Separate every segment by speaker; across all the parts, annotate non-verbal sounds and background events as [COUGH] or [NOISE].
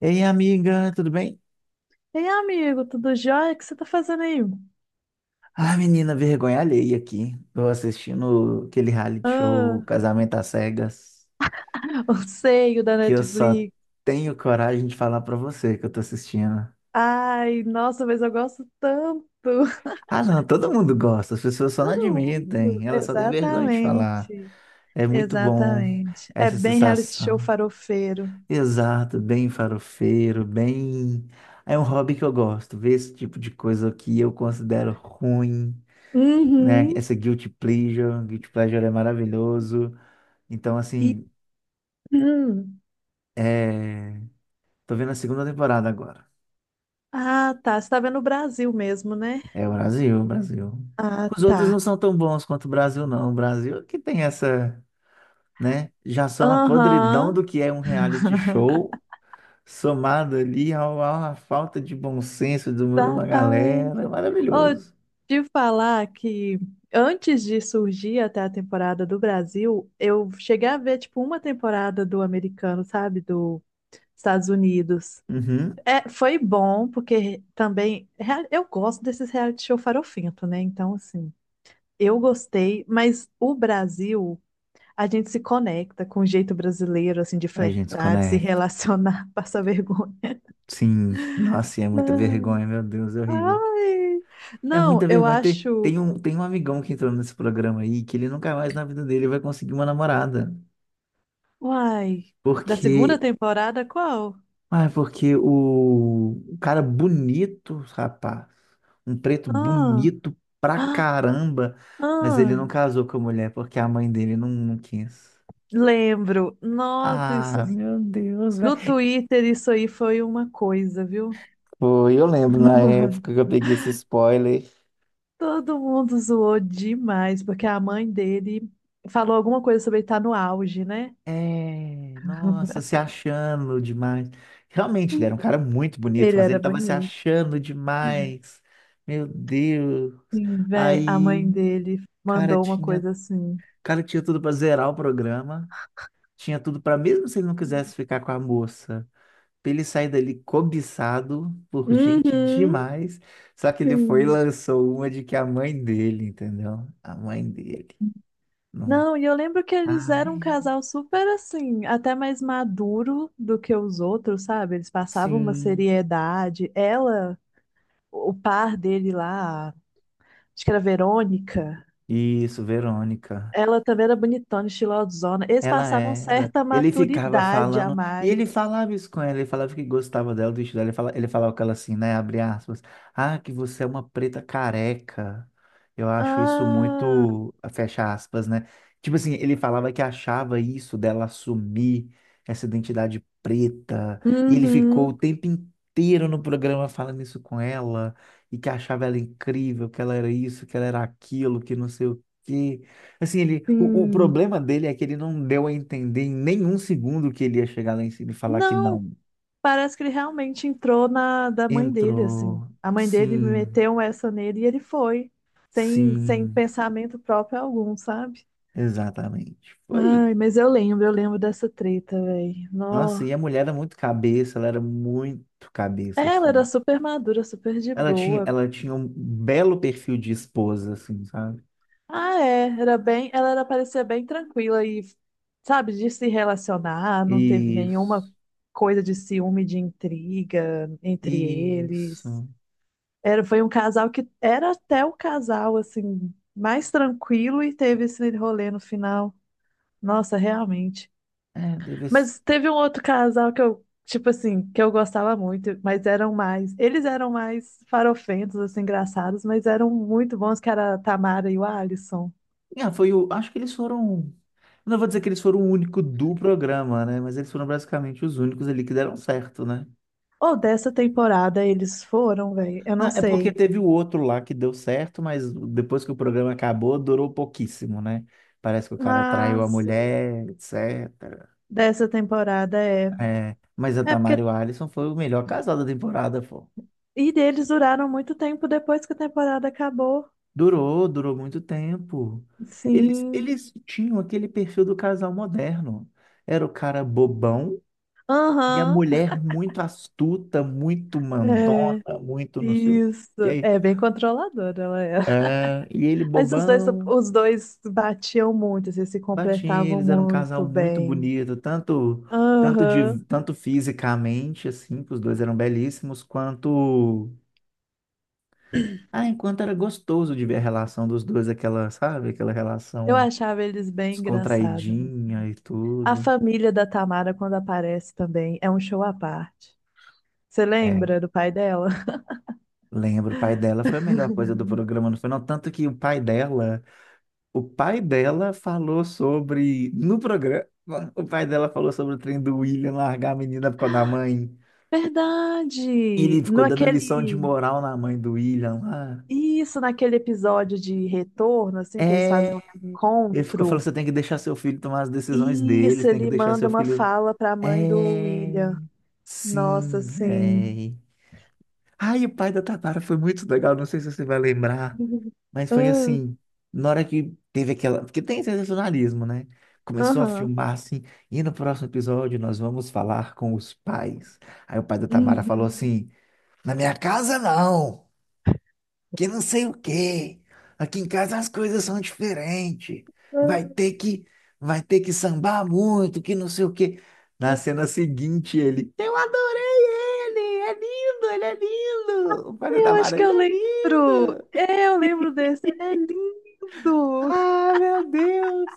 Speaker 1: Ei, amiga, tudo bem?
Speaker 2: Ei, amigo, tudo jóia? O que você tá fazendo aí?
Speaker 1: Ah, menina, vergonha alheia aqui. Tô assistindo aquele reality show
Speaker 2: Ah,
Speaker 1: Casamento às Cegas,
Speaker 2: [LAUGHS] o seio da
Speaker 1: que eu só
Speaker 2: Netflix.
Speaker 1: tenho coragem de falar pra você que eu tô assistindo.
Speaker 2: Ai, nossa, mas eu gosto tanto. [LAUGHS]
Speaker 1: Ah, não, todo mundo gosta, as pessoas só não
Speaker 2: Todo mundo.
Speaker 1: admitem, elas só têm vergonha de falar.
Speaker 2: Exatamente.
Speaker 1: É muito bom
Speaker 2: Exatamente. É
Speaker 1: essa
Speaker 2: bem reality show
Speaker 1: sensação.
Speaker 2: farofeiro.
Speaker 1: Exato, bem farofeiro, bem. É um hobby que eu gosto, ver esse tipo de coisa que eu considero ruim, né?
Speaker 2: Uhum.
Speaker 1: Essa guilty pleasure é maravilhoso. Então,
Speaker 2: E,
Speaker 1: assim,
Speaker 2: hum.
Speaker 1: é... tô vendo a segunda temporada agora.
Speaker 2: Ah, tá. Você tá vendo o Brasil mesmo, né?
Speaker 1: É o Brasil, o Brasil.
Speaker 2: Ah,
Speaker 1: Os
Speaker 2: tá.
Speaker 1: outros não são tão bons quanto o Brasil, não. O Brasil que tem essa, né? Já são a podridão
Speaker 2: Aham.
Speaker 1: do que é um reality show, somado ali à falta de bom senso de uma galera. É
Speaker 2: Exatamente. Oh,
Speaker 1: maravilhoso.
Speaker 2: de falar que antes de surgir até a temporada do Brasil, eu cheguei a ver tipo uma temporada do americano, sabe, do Estados Unidos.
Speaker 1: Uhum.
Speaker 2: É, foi bom porque também eu gosto desses reality show farofento, né? Então assim, eu gostei, mas o Brasil. A gente se conecta com o jeito brasileiro, assim, de
Speaker 1: A gente se
Speaker 2: flertar, de se
Speaker 1: conecta.
Speaker 2: relacionar, [LAUGHS] passar vergonha.
Speaker 1: Sim, nossa, e é muita
Speaker 2: Não.
Speaker 1: vergonha, meu Deus, é horrível.
Speaker 2: Ai!
Speaker 1: É
Speaker 2: Não,
Speaker 1: muita
Speaker 2: eu
Speaker 1: vergonha. Tem,
Speaker 2: acho.
Speaker 1: tem um, tem um amigão que entrou nesse programa aí que ele nunca mais na vida dele vai conseguir uma namorada.
Speaker 2: Uai, da segunda
Speaker 1: Porque,
Speaker 2: temporada qual?
Speaker 1: porque o cara bonito, rapaz, um preto
Speaker 2: Ah,
Speaker 1: bonito pra
Speaker 2: ah,
Speaker 1: caramba, mas
Speaker 2: ah,
Speaker 1: ele não casou com a mulher porque a mãe dele não quis.
Speaker 2: lembro. Nossa, isso
Speaker 1: Ah, meu Deus, velho.
Speaker 2: no Twitter isso aí foi uma coisa, viu?
Speaker 1: Foi, eu lembro na época que eu peguei esse spoiler.
Speaker 2: Todo mundo zoou demais, porque a mãe dele falou alguma coisa sobre ele estar no auge, né?
Speaker 1: É, nossa, se achando demais. Realmente, ele era um cara muito bonito,
Speaker 2: Ele
Speaker 1: mas
Speaker 2: era
Speaker 1: ele tava se
Speaker 2: bonito.
Speaker 1: achando demais. Meu Deus.
Speaker 2: Sim, véi, a mãe
Speaker 1: Aí,
Speaker 2: dele
Speaker 1: cara,
Speaker 2: mandou uma
Speaker 1: tinha
Speaker 2: coisa assim.
Speaker 1: Cara, tinha tudo pra zerar o programa, tinha tudo pra mesmo se ele não quisesse ficar com a moça, pra ele sair dali cobiçado por gente
Speaker 2: Uhum,
Speaker 1: demais. Só que ele foi e
Speaker 2: sim.
Speaker 1: lançou uma de que a mãe dele, entendeu? A mãe dele. Não.
Speaker 2: Não, e eu lembro que eles eram um
Speaker 1: Ai,
Speaker 2: casal super assim, até mais maduro do que os outros, sabe? Eles passavam uma
Speaker 1: sim.
Speaker 2: seriedade. Ela, o par dele lá, acho que era a Verônica,
Speaker 1: Isso, Verônica.
Speaker 2: ela também era bonitona, estilosona. Eles
Speaker 1: Ela
Speaker 2: passavam
Speaker 1: era.
Speaker 2: certa
Speaker 1: Ele ficava
Speaker 2: maturidade a
Speaker 1: falando, e ele
Speaker 2: mais.
Speaker 1: falava isso com ela, ele falava que gostava dela, do estilo dela, ele falava com ela assim, né, abre aspas, ah, que você é uma preta careca. Eu acho isso
Speaker 2: Ah,
Speaker 1: muito, fecha aspas, né? Tipo assim, ele falava que achava isso dela assumir essa identidade preta, e ele ficou o
Speaker 2: uhum,
Speaker 1: tempo inteiro no programa falando isso com ela, e que achava ela incrível, que ela era isso, que ela era aquilo, que não sei o quê. Assim, o
Speaker 2: sim.
Speaker 1: problema dele é que ele não deu a entender em nenhum segundo que ele ia chegar lá em cima e falar que
Speaker 2: Não,
Speaker 1: não.
Speaker 2: parece que ele realmente entrou na da mãe dele, assim.
Speaker 1: Entrou.
Speaker 2: A mãe dele
Speaker 1: Sim.
Speaker 2: meteu essa nele e ele foi, sem
Speaker 1: Sim.
Speaker 2: pensamento próprio algum, sabe?
Speaker 1: Exatamente. Foi.
Speaker 2: Ai, mas eu lembro dessa treta, velho.
Speaker 1: Nossa,
Speaker 2: Nó.
Speaker 1: e a mulher era muito cabeça, ela era muito cabeça,
Speaker 2: Ela era
Speaker 1: assim.
Speaker 2: super madura, super de
Speaker 1: Ela tinha,
Speaker 2: boa.
Speaker 1: ela tinha um belo perfil de esposa, assim, sabe?
Speaker 2: Ah, é, era bem, ela era, parecia bem tranquila e, sabe, de se relacionar, não teve nenhuma
Speaker 1: Isso.
Speaker 2: coisa de ciúme, de intriga entre eles.
Speaker 1: Isso.
Speaker 2: Era, foi um casal que era até o casal, assim, mais tranquilo e teve esse rolê no final. Nossa, realmente.
Speaker 1: É, deve ser.
Speaker 2: Mas teve um outro casal que eu, tipo assim, que eu gostava muito, mas eram mais. Eles eram mais farofentos, assim, engraçados, mas eram muito bons, que era a Tamara e o Alisson.
Speaker 1: Ah, foi o. Acho que eles foram. Não vou dizer que eles foram o único do programa, né? Mas eles foram basicamente os únicos ali que deram certo, né?
Speaker 2: Ou dessa temporada eles foram, velho? Eu
Speaker 1: Não,
Speaker 2: não
Speaker 1: é porque
Speaker 2: sei.
Speaker 1: teve o outro lá que deu certo, mas depois que o programa acabou, durou pouquíssimo, né? Parece que o cara
Speaker 2: Ah,
Speaker 1: traiu a
Speaker 2: sim.
Speaker 1: mulher, etcétera.
Speaker 2: Dessa temporada é.
Speaker 1: É, mas a
Speaker 2: É
Speaker 1: Tamara
Speaker 2: porque.
Speaker 1: e o Alisson foi o melhor casal da temporada, pô.
Speaker 2: E eles duraram muito tempo depois que a temporada acabou.
Speaker 1: Durou muito tempo. Eles,
Speaker 2: Sim.
Speaker 1: eles tinham aquele perfil do casal moderno. Era o cara bobão, e a
Speaker 2: Aham,
Speaker 1: mulher muito astuta, muito
Speaker 2: é,
Speaker 1: mandona, muito não sei o
Speaker 2: isso.
Speaker 1: quê.
Speaker 2: É bem controladora ela era.
Speaker 1: É,
Speaker 2: [LAUGHS]
Speaker 1: e ele
Speaker 2: Mas os dois,
Speaker 1: bobão,
Speaker 2: os dois batiam muito, assim, se
Speaker 1: batinha,
Speaker 2: completavam
Speaker 1: eles eram um casal
Speaker 2: muito
Speaker 1: muito
Speaker 2: bem.
Speaker 1: bonito, tanto tanto de
Speaker 2: Aham,
Speaker 1: tanto fisicamente assim, que os dois eram belíssimos, quanto ah, enquanto era gostoso de ver a relação dos dois, aquela, sabe, aquela
Speaker 2: eu
Speaker 1: relação
Speaker 2: achava eles bem engraçados.
Speaker 1: descontraidinha e
Speaker 2: A
Speaker 1: tudo.
Speaker 2: família da Tamara, quando aparece também, é um show à parte. Você
Speaker 1: É,
Speaker 2: lembra do pai dela?
Speaker 1: lembro, o pai dela foi a melhor coisa do programa, não foi? Não, tanto que o pai dela falou sobre. No programa, o pai dela falou sobre o trem do William largar a menina por causa da mãe.
Speaker 2: [LAUGHS]
Speaker 1: Ele
Speaker 2: Verdade! No
Speaker 1: ficou dando lição de
Speaker 2: aquele,
Speaker 1: moral na mãe do William lá.
Speaker 2: isso, naquele episódio de retorno, assim, que eles
Speaker 1: É.
Speaker 2: fazem um
Speaker 1: Ele ficou
Speaker 2: reencontro.
Speaker 1: falando: você tem que deixar seu filho tomar as decisões dele,
Speaker 2: Isso,
Speaker 1: você tem que
Speaker 2: ele
Speaker 1: deixar
Speaker 2: manda
Speaker 1: seu
Speaker 2: uma
Speaker 1: filho.
Speaker 2: fala para a mãe do
Speaker 1: É.
Speaker 2: William. Nossa,
Speaker 1: Sim,
Speaker 2: assim.
Speaker 1: véi. Ai, o pai da Tatara foi muito legal, não sei se você vai lembrar.
Speaker 2: [LAUGHS]
Speaker 1: Mas foi
Speaker 2: Ah,
Speaker 1: assim, na hora que teve aquela. Porque tem sensacionalismo, né? Começou a
Speaker 2: aham.
Speaker 1: filmar assim, e no próximo episódio nós vamos falar com os pais. Aí o pai da Tamara falou
Speaker 2: Uhum.
Speaker 1: assim: Na minha casa não, que não sei o quê. Aqui em casa as coisas são diferentes. Vai
Speaker 2: Ah,
Speaker 1: ter que, vai ter que sambar muito, que não sei o quê. Na cena seguinte, ele, eu adorei ele, é lindo, ele é lindo. O pai da
Speaker 2: eu acho
Speaker 1: Tamara,
Speaker 2: que
Speaker 1: ele
Speaker 2: eu
Speaker 1: é
Speaker 2: lembro.
Speaker 1: lindo.
Speaker 2: É, eu lembro desse. Ele é lindo. [LAUGHS]
Speaker 1: Ah, meu Deus!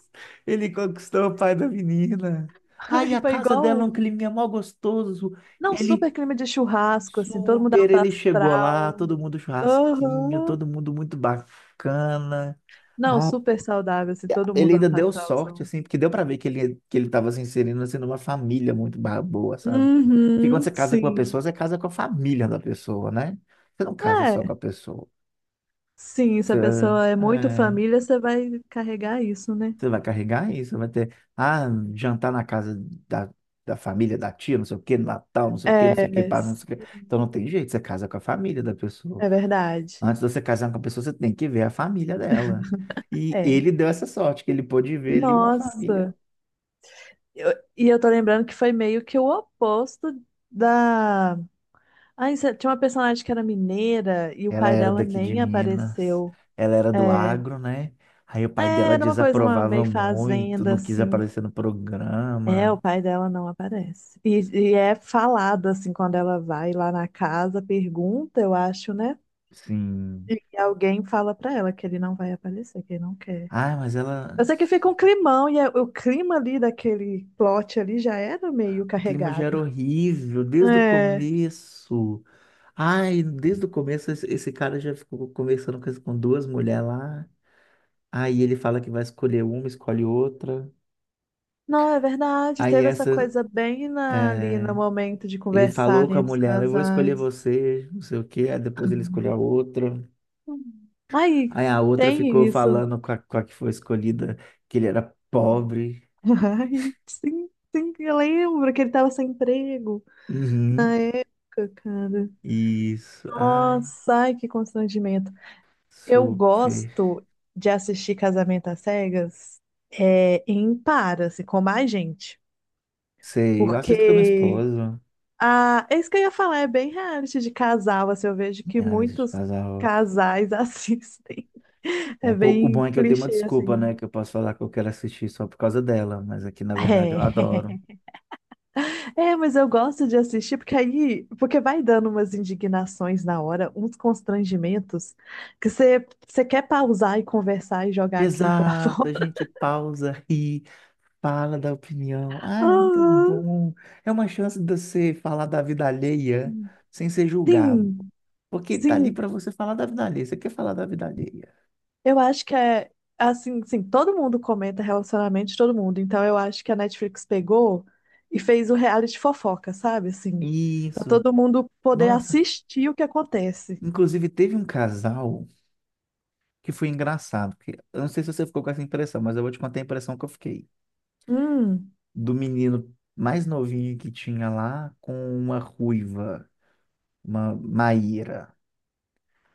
Speaker 1: Ele conquistou o pai da menina. Ah, e
Speaker 2: Ai,
Speaker 1: a
Speaker 2: foi
Speaker 1: casa dela, é
Speaker 2: igual.
Speaker 1: um clima mal gostoso.
Speaker 2: Não,
Speaker 1: Ele,
Speaker 2: super clima de churrasco, assim, todo mundo
Speaker 1: super,
Speaker 2: alto
Speaker 1: ele chegou lá,
Speaker 2: astral.
Speaker 1: todo mundo churrasquinho,
Speaker 2: Aham.
Speaker 1: todo mundo muito bacana.
Speaker 2: Não,
Speaker 1: Ah,
Speaker 2: super saudável, assim, todo
Speaker 1: ele
Speaker 2: mundo
Speaker 1: ainda
Speaker 2: alto
Speaker 1: deu sorte,
Speaker 2: astralzão.
Speaker 1: assim, porque deu pra ver que ele, tava se inserindo, assim, numa família muito boa, sabe? Porque quando
Speaker 2: Uhum,
Speaker 1: você casa com uma
Speaker 2: sim.
Speaker 1: pessoa, você casa com a família da pessoa, né? Você não casa só
Speaker 2: É,
Speaker 1: com a pessoa.
Speaker 2: sim, se
Speaker 1: Você,
Speaker 2: a pessoa é muito
Speaker 1: é.
Speaker 2: família, você vai carregar isso, né?
Speaker 1: Você vai carregar isso, vai ter, ah, jantar na casa da, da família, da tia, não sei o quê, Natal, não sei o quê, não sei o quê,
Speaker 2: É,
Speaker 1: pá, não sei o quê. Então não tem jeito, você casa com a família da pessoa.
Speaker 2: é verdade.
Speaker 1: Antes de você casar com a pessoa, você tem que ver a família dela. E
Speaker 2: É.
Speaker 1: ele deu essa sorte, que ele pôde ver ali uma família.
Speaker 2: Nossa. Eu- e eu tô lembrando que foi meio que o oposto da. Ai, tinha uma personagem que era mineira e o
Speaker 1: Ela
Speaker 2: pai
Speaker 1: era
Speaker 2: dela
Speaker 1: daqui de
Speaker 2: nem
Speaker 1: Minas,
Speaker 2: apareceu.
Speaker 1: ela era do
Speaker 2: É,
Speaker 1: agro, né? Aí o pai
Speaker 2: é,
Speaker 1: dela
Speaker 2: era uma coisa, uma
Speaker 1: desaprovava
Speaker 2: meio
Speaker 1: muito,
Speaker 2: fazenda,
Speaker 1: não quis
Speaker 2: assim.
Speaker 1: aparecer no
Speaker 2: É, o
Speaker 1: programa.
Speaker 2: pai dela não aparece. E é falado, assim, quando ela vai lá na casa, pergunta, eu acho, né?
Speaker 1: Sim.
Speaker 2: E alguém fala pra ela que ele não vai aparecer, que ele não quer.
Speaker 1: Ah, mas ela.
Speaker 2: Eu sei que fica um climão e o clima ali daquele plot ali já era meio
Speaker 1: O clima já era
Speaker 2: carregado.
Speaker 1: horrível desde o
Speaker 2: É.
Speaker 1: começo. Ai, desde o começo esse cara já ficou conversando com, com duas mulheres lá. Aí ele fala que vai escolher uma, escolhe outra.
Speaker 2: Não, é verdade.
Speaker 1: Aí
Speaker 2: Teve essa
Speaker 1: essa,
Speaker 2: coisa bem ali no
Speaker 1: é,
Speaker 2: momento de
Speaker 1: ele
Speaker 2: conversar
Speaker 1: falou
Speaker 2: ali
Speaker 1: com a
Speaker 2: entre os
Speaker 1: mulher, ela, eu vou escolher
Speaker 2: casais.
Speaker 1: você, não sei o quê. Aí depois ele escolheu a outra.
Speaker 2: Uhum. Ai,
Speaker 1: Aí a outra ficou
Speaker 2: tem isso.
Speaker 1: falando com a que foi escolhida que ele era pobre.
Speaker 2: [LAUGHS] Ai, sim, sim, eu lembro que ele tava sem emprego.
Speaker 1: Uhum.
Speaker 2: Cacada.
Speaker 1: Isso. Ai,
Speaker 2: Nossa, ai, que constrangimento. Eu
Speaker 1: super.
Speaker 2: gosto de assistir Casamento às Cegas é, em par, assim, com mais gente.
Speaker 1: Sei, eu assisto com a minha
Speaker 2: Porque
Speaker 1: esposa.
Speaker 2: a, é isso que eu ia falar, é bem reality de casal, assim, eu vejo que
Speaker 1: Análise de
Speaker 2: muitos
Speaker 1: casal.
Speaker 2: casais [LAUGHS] assistem. É
Speaker 1: É, pô, o
Speaker 2: bem
Speaker 1: bom é que eu tenho uma
Speaker 2: clichê,
Speaker 1: desculpa, né?
Speaker 2: assim.
Speaker 1: Que eu posso falar que eu quero assistir só por causa dela, mas aqui na verdade eu
Speaker 2: É.
Speaker 1: adoro.
Speaker 2: [LAUGHS] É, mas eu gosto de assistir porque aí, porque vai dando umas indignações na hora, uns constrangimentos que você quer pausar e conversar e jogar aquilo pra [LAUGHS]
Speaker 1: Exato,
Speaker 2: fora.
Speaker 1: a gente pausa, ri, fala da opinião. Ah, é muito
Speaker 2: Aham.
Speaker 1: bom. É uma chance de você falar da vida alheia sem ser julgado.
Speaker 2: Sim,
Speaker 1: Porque tá ali
Speaker 2: sim,
Speaker 1: para você falar da vida alheia. Você quer falar da vida alheia?
Speaker 2: eu acho que é assim, todo mundo comenta relacionamento de todo mundo. Então eu acho que a Netflix pegou e fez o reality fofoca, sabe? Assim, para
Speaker 1: Isso.
Speaker 2: todo mundo poder
Speaker 1: Nossa,
Speaker 2: assistir o que acontece.
Speaker 1: inclusive teve um casal que foi engraçado. Porque, eu não sei se você ficou com essa impressão, mas eu vou te contar a impressão que eu fiquei.
Speaker 2: Hum.
Speaker 1: Do menino mais novinho que tinha lá com uma ruiva, uma Maíra.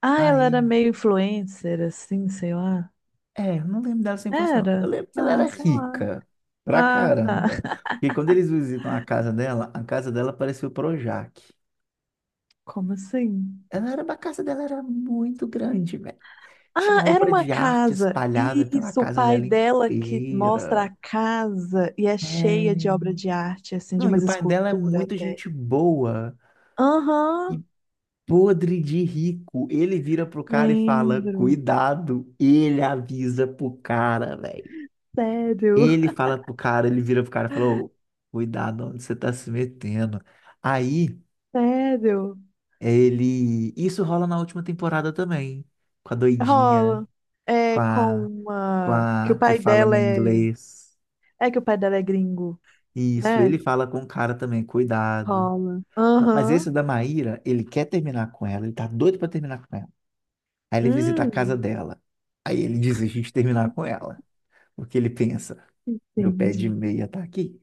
Speaker 2: Ah, ela
Speaker 1: Aí,
Speaker 2: era meio influencer, assim, sei lá.
Speaker 1: eu não lembro dela 100%, não. Eu
Speaker 2: Era?
Speaker 1: lembro que ela
Speaker 2: Ah,
Speaker 1: era
Speaker 2: sei lá.
Speaker 1: rica pra
Speaker 2: Ah, tá.
Speaker 1: caramba.
Speaker 2: [LAUGHS]
Speaker 1: Porque quando eles visitam a casa dela parecia o Projac.
Speaker 2: Como assim?
Speaker 1: A casa dela era muito grande, velho. Tinha
Speaker 2: Ah, era
Speaker 1: obra
Speaker 2: uma
Speaker 1: de arte
Speaker 2: casa.
Speaker 1: espalhada pela
Speaker 2: Isso, o
Speaker 1: casa
Speaker 2: pai
Speaker 1: dela
Speaker 2: dela que mostra
Speaker 1: inteira.
Speaker 2: a casa e é cheia de
Speaker 1: É.
Speaker 2: obra de arte, assim, de
Speaker 1: Não, e o
Speaker 2: umas
Speaker 1: pai dela é
Speaker 2: esculturas
Speaker 1: muito
Speaker 2: até.
Speaker 1: gente boa.
Speaker 2: Aham,
Speaker 1: E podre de rico. Ele vira pro cara e fala:
Speaker 2: lembro.
Speaker 1: Cuidado. Ele avisa pro cara, velho.
Speaker 2: Sério,
Speaker 1: Ele fala pro cara, ele vira pro cara e fala: "Ô, cuidado, onde você tá se metendo." Aí,
Speaker 2: sério.
Speaker 1: ele. Isso rola na última temporada também. Com a doidinha,
Speaker 2: Rola.
Speaker 1: com
Speaker 2: É com
Speaker 1: a, com
Speaker 2: uma. Que o
Speaker 1: a que
Speaker 2: pai
Speaker 1: fala
Speaker 2: dela
Speaker 1: meu
Speaker 2: é.
Speaker 1: inglês.
Speaker 2: É que o pai dela é gringo,
Speaker 1: Isso,
Speaker 2: né?
Speaker 1: ele fala com o cara também: Cuidado.
Speaker 2: Rola.
Speaker 1: Não, mas
Speaker 2: Aham.
Speaker 1: esse da Maíra, ele quer terminar com ela, ele tá doido pra terminar com ela. Aí ele visita a casa
Speaker 2: Hum,
Speaker 1: dela. Aí ele desiste de terminar com ela. Porque ele pensa, meu pé de
Speaker 2: entendi.
Speaker 1: meia tá aqui.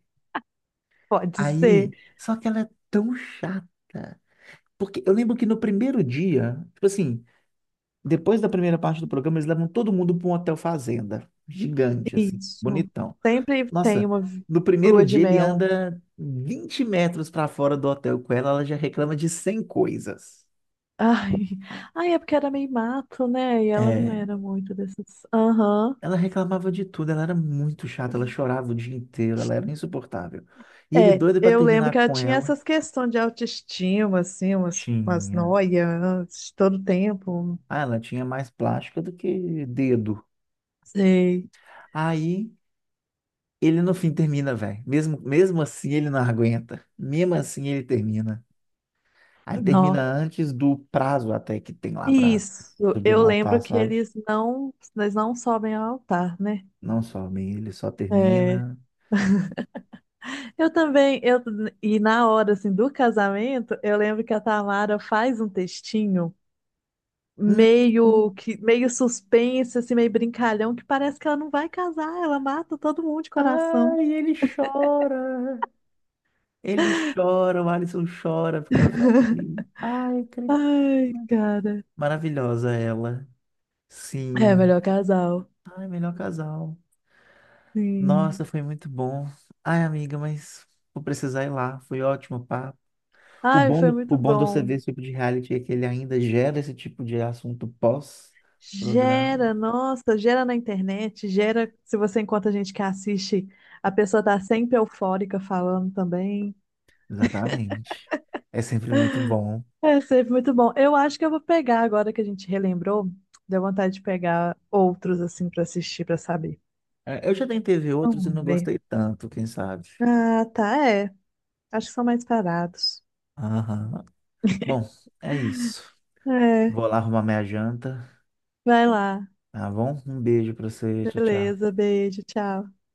Speaker 2: Pode ser.
Speaker 1: Aí, só que ela é tão chata. Porque eu lembro que no primeiro dia, tipo assim, depois da primeira parte do programa, eles levam todo mundo para um hotel fazenda. Gigante, assim,
Speaker 2: Isso.
Speaker 1: bonitão.
Speaker 2: Sempre tem
Speaker 1: Nossa,
Speaker 2: uma
Speaker 1: no primeiro
Speaker 2: lua de
Speaker 1: dia ele
Speaker 2: mel.
Speaker 1: anda 20 metros para fora do hotel com ela, ela já reclama de 100 coisas.
Speaker 2: Ai. Ai, é porque era meio mato, né? E ela não
Speaker 1: É.
Speaker 2: era muito dessas. Aham.
Speaker 1: Ela reclamava de tudo, ela era muito chata, ela chorava o dia inteiro, ela era insuportável. E ele
Speaker 2: É,
Speaker 1: doido para
Speaker 2: eu lembro
Speaker 1: terminar
Speaker 2: que ela
Speaker 1: com
Speaker 2: tinha
Speaker 1: ela,
Speaker 2: essas questões de autoestima, assim, umas
Speaker 1: tinha.
Speaker 2: noias todo tempo.
Speaker 1: Ah, ela tinha mais plástica do que dedo.
Speaker 2: Sei.
Speaker 1: Aí ele no fim termina, velho. Mesmo, mesmo assim ele não aguenta. Mesmo assim ele termina. Aí termina
Speaker 2: Nó.
Speaker 1: antes do prazo até que tem lá pra
Speaker 2: Isso,
Speaker 1: subir
Speaker 2: eu
Speaker 1: no altar,
Speaker 2: lembro que
Speaker 1: sabe?
Speaker 2: eles não sobem ao altar, né?
Speaker 1: Não some, ele só
Speaker 2: É.
Speaker 1: termina.
Speaker 2: Eu também, e na hora assim, do casamento, eu lembro que a Tamara faz um textinho
Speaker 1: Hum, hum.
Speaker 2: meio que meio suspense, assim, meio brincalhão, que parece que ela não vai casar, ela mata todo mundo de coração.
Speaker 1: Ai, ele chora. Ele chora, o Alisson chora, porque ela fala
Speaker 2: [LAUGHS]
Speaker 1: assim, ai,
Speaker 2: Ai,
Speaker 1: Cristina.
Speaker 2: cara.
Speaker 1: Maravilhosa ela.
Speaker 2: É,
Speaker 1: Sim.
Speaker 2: melhor casal.
Speaker 1: Ai, melhor casal. Nossa,
Speaker 2: Sim.
Speaker 1: foi muito bom. Ai, amiga, mas vou precisar ir lá. Foi ótimo o papo. O
Speaker 2: Ai,
Speaker 1: bom,
Speaker 2: foi
Speaker 1: o
Speaker 2: muito
Speaker 1: bom do você
Speaker 2: bom.
Speaker 1: ver esse tipo de reality é que ele ainda gera esse tipo de assunto pós-programa.
Speaker 2: Gera, nossa, gera na internet, gera se você encontra gente que assiste, a pessoa tá sempre eufórica falando também.
Speaker 1: Exatamente. É sempre muito bom.
Speaker 2: É sempre muito bom. Eu acho que eu vou pegar agora que a gente relembrou, deu vontade de pegar outros assim pra assistir, pra saber.
Speaker 1: É, eu já tentei ver outros e
Speaker 2: Vamos
Speaker 1: não
Speaker 2: ver.
Speaker 1: gostei tanto, quem sabe.
Speaker 2: Ah, tá, é. Acho que são mais parados.
Speaker 1: Aham. Bom, é isso.
Speaker 2: É,
Speaker 1: Vou lá arrumar minha janta.
Speaker 2: vai lá.
Speaker 1: Tá bom? Um beijo pra você. Tchau, tchau.
Speaker 2: Beleza, beijo, tchau.